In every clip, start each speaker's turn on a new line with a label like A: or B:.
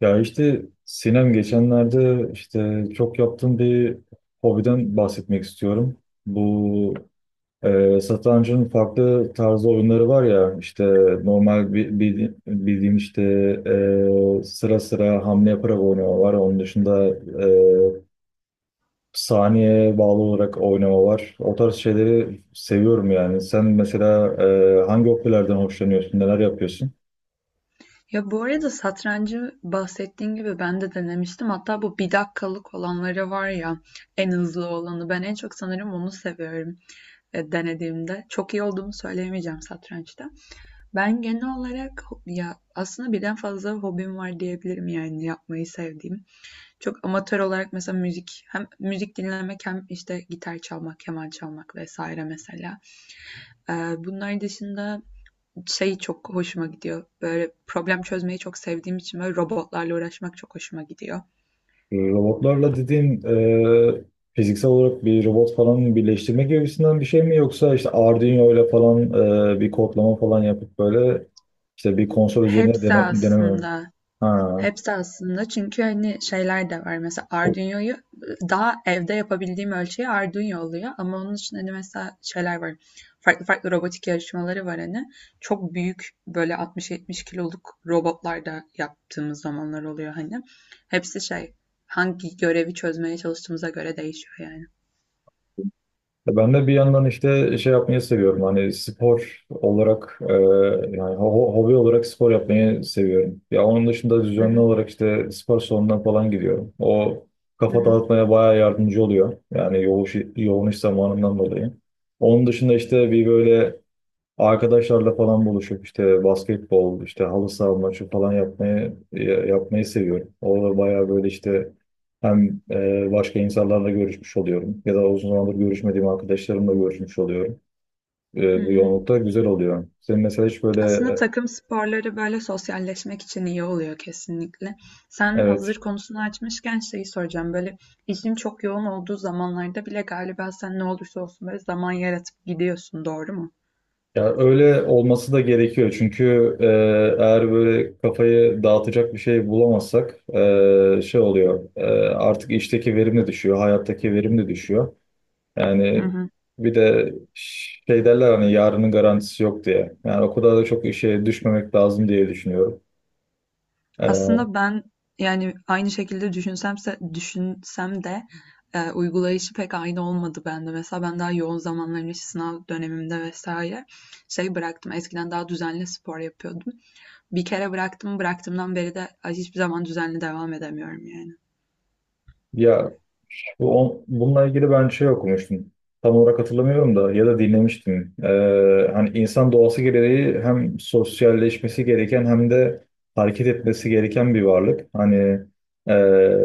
A: Ya işte Sinem geçenlerde işte çok yaptığım bir hobiden bahsetmek istiyorum. Bu satrancın farklı tarzı oyunları var ya işte normal bildiğim işte sıra sıra hamle yaparak oynama var. Onun dışında saniye bağlı olarak oynama var. O tarz şeyleri seviyorum yani. Sen mesela hangi hobilerden hoşlanıyorsun, neler yapıyorsun?
B: Ya bu arada satrancı bahsettiğin gibi ben de denemiştim. Hatta bu 1 dakikalık olanları var ya en hızlı olanı. Ben en çok sanırım onu seviyorum denediğimde. Çok iyi olduğumu söyleyemeyeceğim satrançta. Ben genel olarak ya aslında birden fazla hobim var diyebilirim yani yapmayı sevdiğim. Çok amatör olarak mesela müzik hem müzik dinlemek hem işte gitar çalmak, keman çalmak vesaire mesela. E, bunlar dışında şey çok hoşuma gidiyor. Böyle problem çözmeyi çok sevdiğim için böyle robotlarla uğraşmak çok hoşuma gidiyor.
A: Robotlarla dediğin e, fiziksel olarak bir robot falan birleştirme gibisinden bir şey mi, yoksa işte Arduino ile falan bir kodlama falan yapıp böyle işte bir konsol üzerine
B: Hepsi
A: deneme mi?
B: aslında
A: Ha.
B: Hepsi aslında çünkü hani şeyler de var. Mesela Arduino'yu daha evde yapabildiğim ölçeği Arduino oluyor. Ama onun için hani mesela şeyler var. Farklı farklı robotik yarışmaları var hani. Çok büyük böyle 60-70 kiloluk robotlar da yaptığımız zamanlar oluyor hani. Hepsi şey hangi görevi çözmeye çalıştığımıza göre değişiyor yani.
A: Ya ben de bir yandan işte şey yapmayı seviyorum. Hani spor olarak hobi olarak spor yapmayı seviyorum. Ya onun dışında
B: Hı
A: düzenli
B: hı,
A: olarak işte spor salonuna falan gidiyorum. O
B: hı
A: kafa
B: hı,
A: dağıtmaya bayağı yardımcı oluyor. Yani yoğun iş zamanından dolayı. Onun dışında işte bir böyle arkadaşlarla falan buluşup işte basketbol, işte halı saha maçı falan yapmayı yapmayı seviyorum. Orada bayağı böyle işte hem başka insanlarla görüşmüş oluyorum ya da uzun zamandır görüşmediğim arkadaşlarımla görüşmüş oluyorum.
B: hı
A: Bu
B: hı.
A: yoğunlukta güzel oluyor. Senin mesela hiç böyle
B: Aslında
A: e,
B: takım sporları böyle sosyalleşmek için iyi oluyor kesinlikle. Sen hazır
A: evet,
B: konusunu açmışken şeyi soracağım. Böyle işin çok yoğun olduğu zamanlarda bile galiba sen ne olursa olsun böyle zaman yaratıp gidiyorsun, doğru mu?
A: ya öyle olması da gerekiyor çünkü e, eğer böyle kafayı dağıtacak bir şey bulamazsak artık işteki verim de düşüyor, hayattaki verim de düşüyor.
B: Hı
A: Yani
B: hı.
A: bir de şey derler hani yarının garantisi yok diye. Yani o kadar da çok işe düşmemek lazım diye düşünüyorum. Ee,
B: Aslında ben yani aynı şekilde düşünsem de uygulayışı pek aynı olmadı bende. Mesela ben daha yoğun zamanlarımda işte sınav dönemimde vesaire şey bıraktım. Eskiden daha düzenli spor yapıyordum. Bir kere bıraktım, bıraktığımdan beri de hiçbir zaman düzenli devam edemiyorum yani.
A: ya bununla ilgili ben şey okumuştum. Tam olarak hatırlamıyorum da, ya da dinlemiştim. Hani insan doğası gereği hem sosyalleşmesi gereken hem de hareket etmesi gereken bir varlık. Hani e,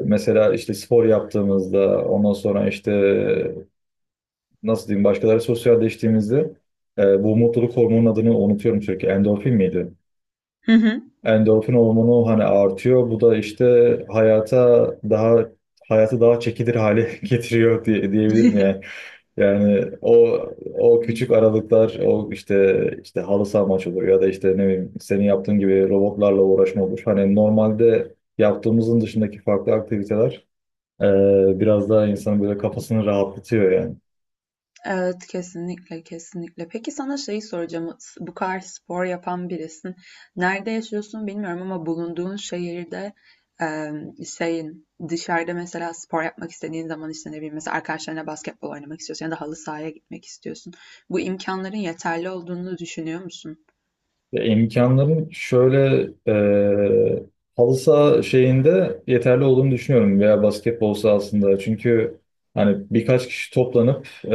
A: mesela işte spor yaptığımızda ondan sonra işte nasıl diyeyim başkaları sosyalleştiğimizde bu mutluluk hormonunun adını unutuyorum sürekli. Endorfin miydi? Endorfin hormonu hani artıyor. Bu da işte hayata daha hayatı daha çekilir hale getiriyor diyebilirim yani. Yani o küçük aralıklar, o işte işte halı saha maçı olur ya da işte ne bileyim senin yaptığın gibi robotlarla uğraşma olur. Hani normalde yaptığımızın dışındaki farklı aktiviteler biraz daha insanın böyle kafasını rahatlatıyor yani.
B: Evet, kesinlikle, kesinlikle. Peki sana şeyi soracağım. Bu kadar spor yapan birisin. Nerede yaşıyorsun bilmiyorum ama bulunduğun şehirde e, şeyin dışarıda mesela spor yapmak istediğin zaman işte ne bileyim mesela arkadaşlarına basketbol oynamak istiyorsun ya da halı sahaya gitmek istiyorsun. Bu imkanların yeterli olduğunu düşünüyor musun?
A: Ya imkanların şöyle, e, halı saha şeyinde yeterli olduğunu düşünüyorum veya basketbol sahasında. Çünkü hani birkaç kişi toplanıp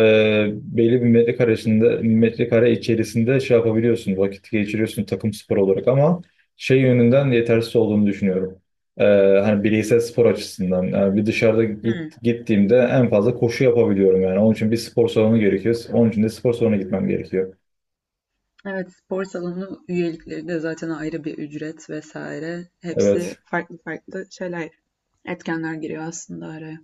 A: belli bir metrekare içerisinde şey yapabiliyorsun, vakit geçiriyorsun takım spor olarak, ama şey yönünden yetersiz olduğunu düşünüyorum. E, hani bireysel spor açısından. Yani bir dışarıda gittiğimde en fazla koşu yapabiliyorum yani. Onun için bir spor salonu gerekiyor. Onun için de spor salonuna gitmem gerekiyor.
B: Evet, spor salonu üyelikleri de zaten ayrı bir ücret vesaire.
A: Evet.
B: Hepsi farklı farklı şeyler, etkenler giriyor aslında araya.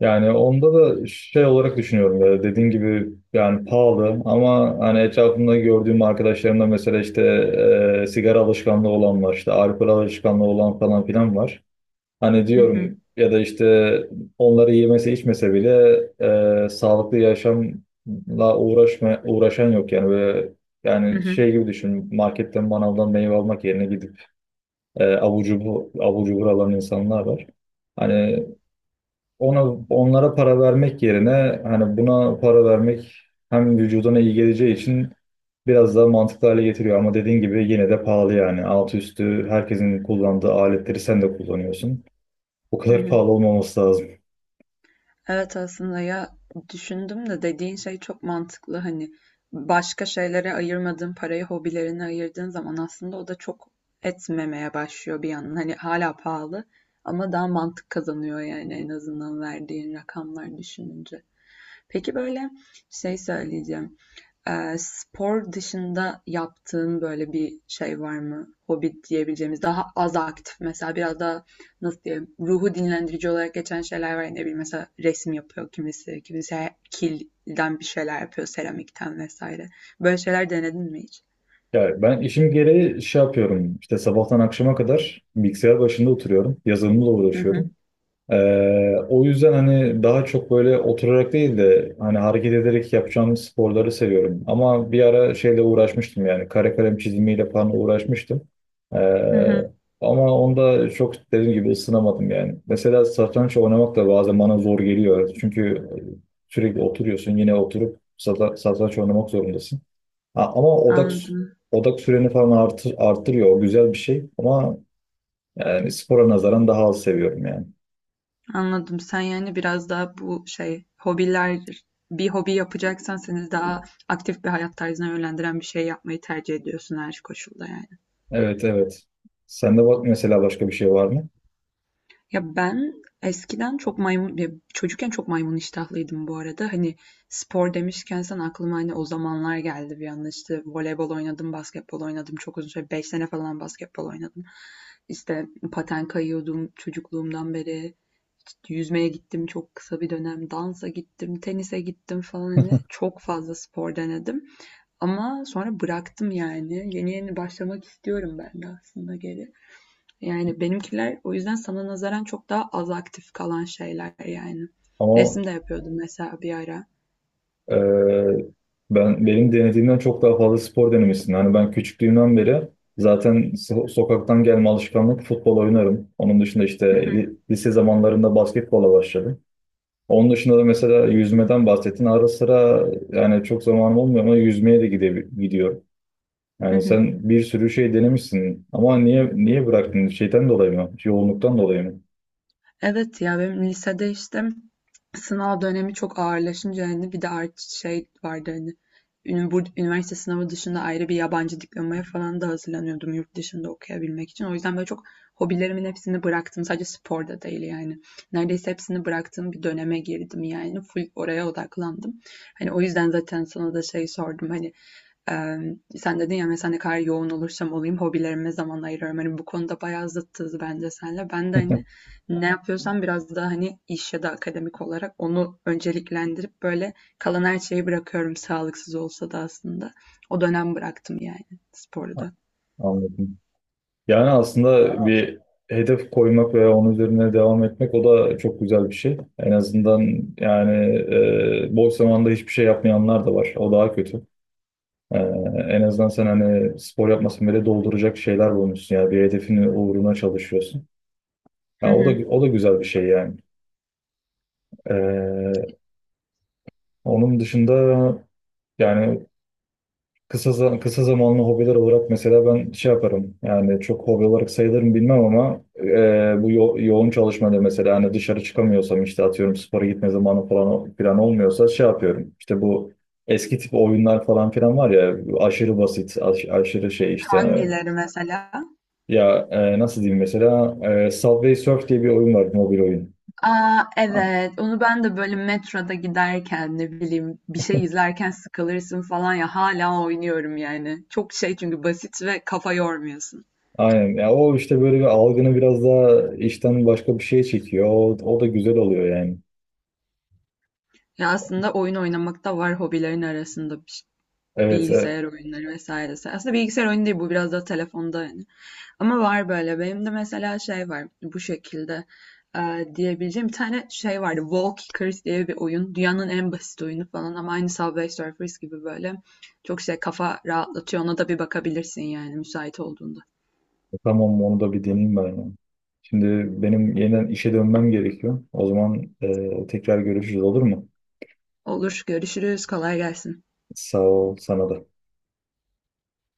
A: Yani onda da şey olarak düşünüyorum, ya dediğin gibi yani pahalı, ama hani etrafımda gördüğüm arkadaşlarımda mesela işte sigara alışkanlığı olan var, işte alkol alışkanlığı olan falan filan var. Hani
B: Hı hı,
A: diyorum ya, da işte onları yemese içmese bile uğraşan yok yani. Böyle
B: hı
A: yani
B: hı,
A: şey gibi düşün, marketten manavdan meyve almak yerine gidip avucu buralan insanlar var. Hani ona, onlara para vermek yerine hani buna para vermek hem vücuduna iyi geleceği için biraz daha mantıklı hale getiriyor. Ama dediğin gibi yine de pahalı yani. Altı üstü herkesin kullandığı aletleri sen de kullanıyorsun. O
B: hı
A: kadar
B: hı.
A: pahalı olmaması lazım.
B: Evet aslında ya düşündüm de dediğin şey çok mantıklı. Hani başka şeylere ayırmadığın parayı hobilerine ayırdığın zaman aslında o da çok etmemeye başlıyor bir yandan. Hani hala pahalı ama daha mantık kazanıyor yani en azından verdiğin rakamlar düşününce. Peki böyle şey söyleyeceğim. Spor dışında yaptığın böyle bir şey var mı? Hobi diyebileceğimiz, daha az aktif mesela biraz daha nasıl diyeyim, ruhu dinlendirici olarak geçen şeyler var. Ya, ne bileyim mesela resim yapıyor kimisi, kimisi kilden bir şeyler yapıyor, seramikten vesaire. Böyle şeyler denedin mi hiç?
A: Yani ben işim gereği şey yapıyorum. İşte sabahtan akşama kadar bilgisayar başında oturuyorum. Yazılımla
B: Hı hı,
A: uğraşıyorum. O yüzden hani daha çok böyle oturarak değil de hani hareket ederek yapacağım sporları seviyorum. Ama bir ara şeyle uğraşmıştım, yani kare kalem çizimiyle falan uğraşmıştım.
B: hı
A: Ee,
B: hı,
A: ama onda çok dediğim gibi ısınamadım yani. Mesela satranç oynamak da bazen bana zor geliyor. Çünkü sürekli oturuyorsun, yine oturup satranç oynamak zorundasın. Ha, ama odak
B: anladım.
A: odak süreni falan arttırıyor. O güzel bir şey, ama yani spora nazaran daha az seviyorum yani.
B: Anladım. Sen yani biraz daha bu şey hobiler bir hobi yapacaksan seni daha aktif bir hayat tarzına yönlendiren bir şey yapmayı tercih ediyorsun her koşulda yani.
A: Evet, evet. Sende bak mesela başka bir şey var mı?
B: Ya ben eskiden çok maymun, ya çocukken çok maymun iştahlıydım bu arada. Hani spor demişken sen aklıma hani o zamanlar geldi bir anda işte voleybol oynadım, basketbol oynadım. Çok uzun süre 5 sene falan basketbol oynadım. İşte paten kayıyordum çocukluğumdan beri. İşte yüzmeye gittim çok kısa bir dönem, dansa gittim, tenise gittim falan hani çok fazla spor denedim. Ama sonra bıraktım yani. Yeni yeni başlamak istiyorum ben de aslında geri. Yani benimkiler o yüzden sana nazaran çok daha az aktif kalan şeyler yani.
A: Ama
B: Resim de yapıyordum mesela bir ara.
A: e, ben benim denediğimden çok daha fazla spor denemişsin. Hani ben küçüklüğümden beri zaten sokaktan gelme alışkanlık futbol oynarım. Onun dışında
B: Hı
A: işte
B: hı.
A: lise zamanlarında basketbola başladım. Onun dışında da mesela yüzmeden bahsettin. Ara sıra yani çok zamanım olmuyor ama yüzmeye de gidiyorum.
B: Hı
A: Yani
B: hı.
A: sen bir sürü şey denemişsin, ama niye bıraktın? Şeyden dolayı mı? Yoğunluktan dolayı mı?
B: Evet ya benim lisede işte sınav dönemi çok ağırlaşınca hani bir de artı şey vardı hani bu üniversite sınavı dışında ayrı bir yabancı diplomaya falan da hazırlanıyordum yurt dışında okuyabilmek için. O yüzden böyle çok hobilerimin hepsini bıraktım. Sadece spor da değil yani. Neredeyse hepsini bıraktığım bir döneme girdim yani. Full oraya odaklandım. Hani o yüzden zaten sana da şey sordum hani ee, sen dedin ya mesela ne kadar yoğun olursam olayım hobilerime zaman ayırıyorum. Hani bu konuda bayağı zıttız bence senle. Ben de hani ne yapıyorsan biraz daha hani iş ya da akademik olarak onu önceliklendirip böyle kalan her şeyi bırakıyorum sağlıksız olsa da aslında. O dönem bıraktım yani sporu da.
A: Anladım. Yani aslında bir hedef koymak ve onun üzerine devam etmek, o da çok güzel bir şey. En azından yani boş zamanda hiçbir şey yapmayanlar da var. O daha kötü. E, en azından sen hani spor yapmasan bile dolduracak şeyler bulmuşsun. Yani bir hedefin uğruna çalışıyorsun.
B: Hı
A: Ya o da,
B: hı.
A: o da güzel bir şey yani. E, onun dışında yani kısa zamanlı hobiler olarak mesela ben şey yaparım, yani çok hobi olarak sayılırım bilmem ama bu yoğun çalışmada mesela hani dışarı çıkamıyorsam işte atıyorum spora gitme zamanı falan plan olmuyorsa şey yapıyorum, işte bu eski tip oyunlar falan filan var ya, aşırı basit aşırı şey işte.
B: Hangileri mesela?
A: Ya nasıl diyeyim mesela, Subway Surf diye bir oyun var, mobil oyun.
B: Aa
A: Ha,
B: evet onu ben de böyle metroda giderken ne bileyim bir şey izlerken sıkılırsın falan ya hala oynuyorum yani. Çok şey çünkü basit ve kafa yormuyorsun.
A: aynen ya, o işte böyle bir algını biraz daha işten başka bir şeye çekiyor, o da güzel oluyor yani.
B: Ya aslında oyun oynamak da var hobilerin arasında
A: Evet,
B: bilgisayar oyunları vesairesi. Aslında bilgisayar oyunu değil bu biraz da telefonda yani. Ama var böyle. Benim de mesela şey var bu şekilde diyebileceğim bir tane şey vardı. Walkers diye bir oyun. Dünyanın en basit oyunu falan ama aynı Subway Surfers gibi böyle çok şey kafa rahatlatıyor. Ona da bir bakabilirsin yani müsait olduğunda.
A: tamam, onu da bir deneyeyim ben ya. Şimdi benim yeniden işe dönmem gerekiyor. O zaman tekrar görüşürüz, olur mu?
B: Olur, görüşürüz. Kolay gelsin.
A: Sağ ol, sana da.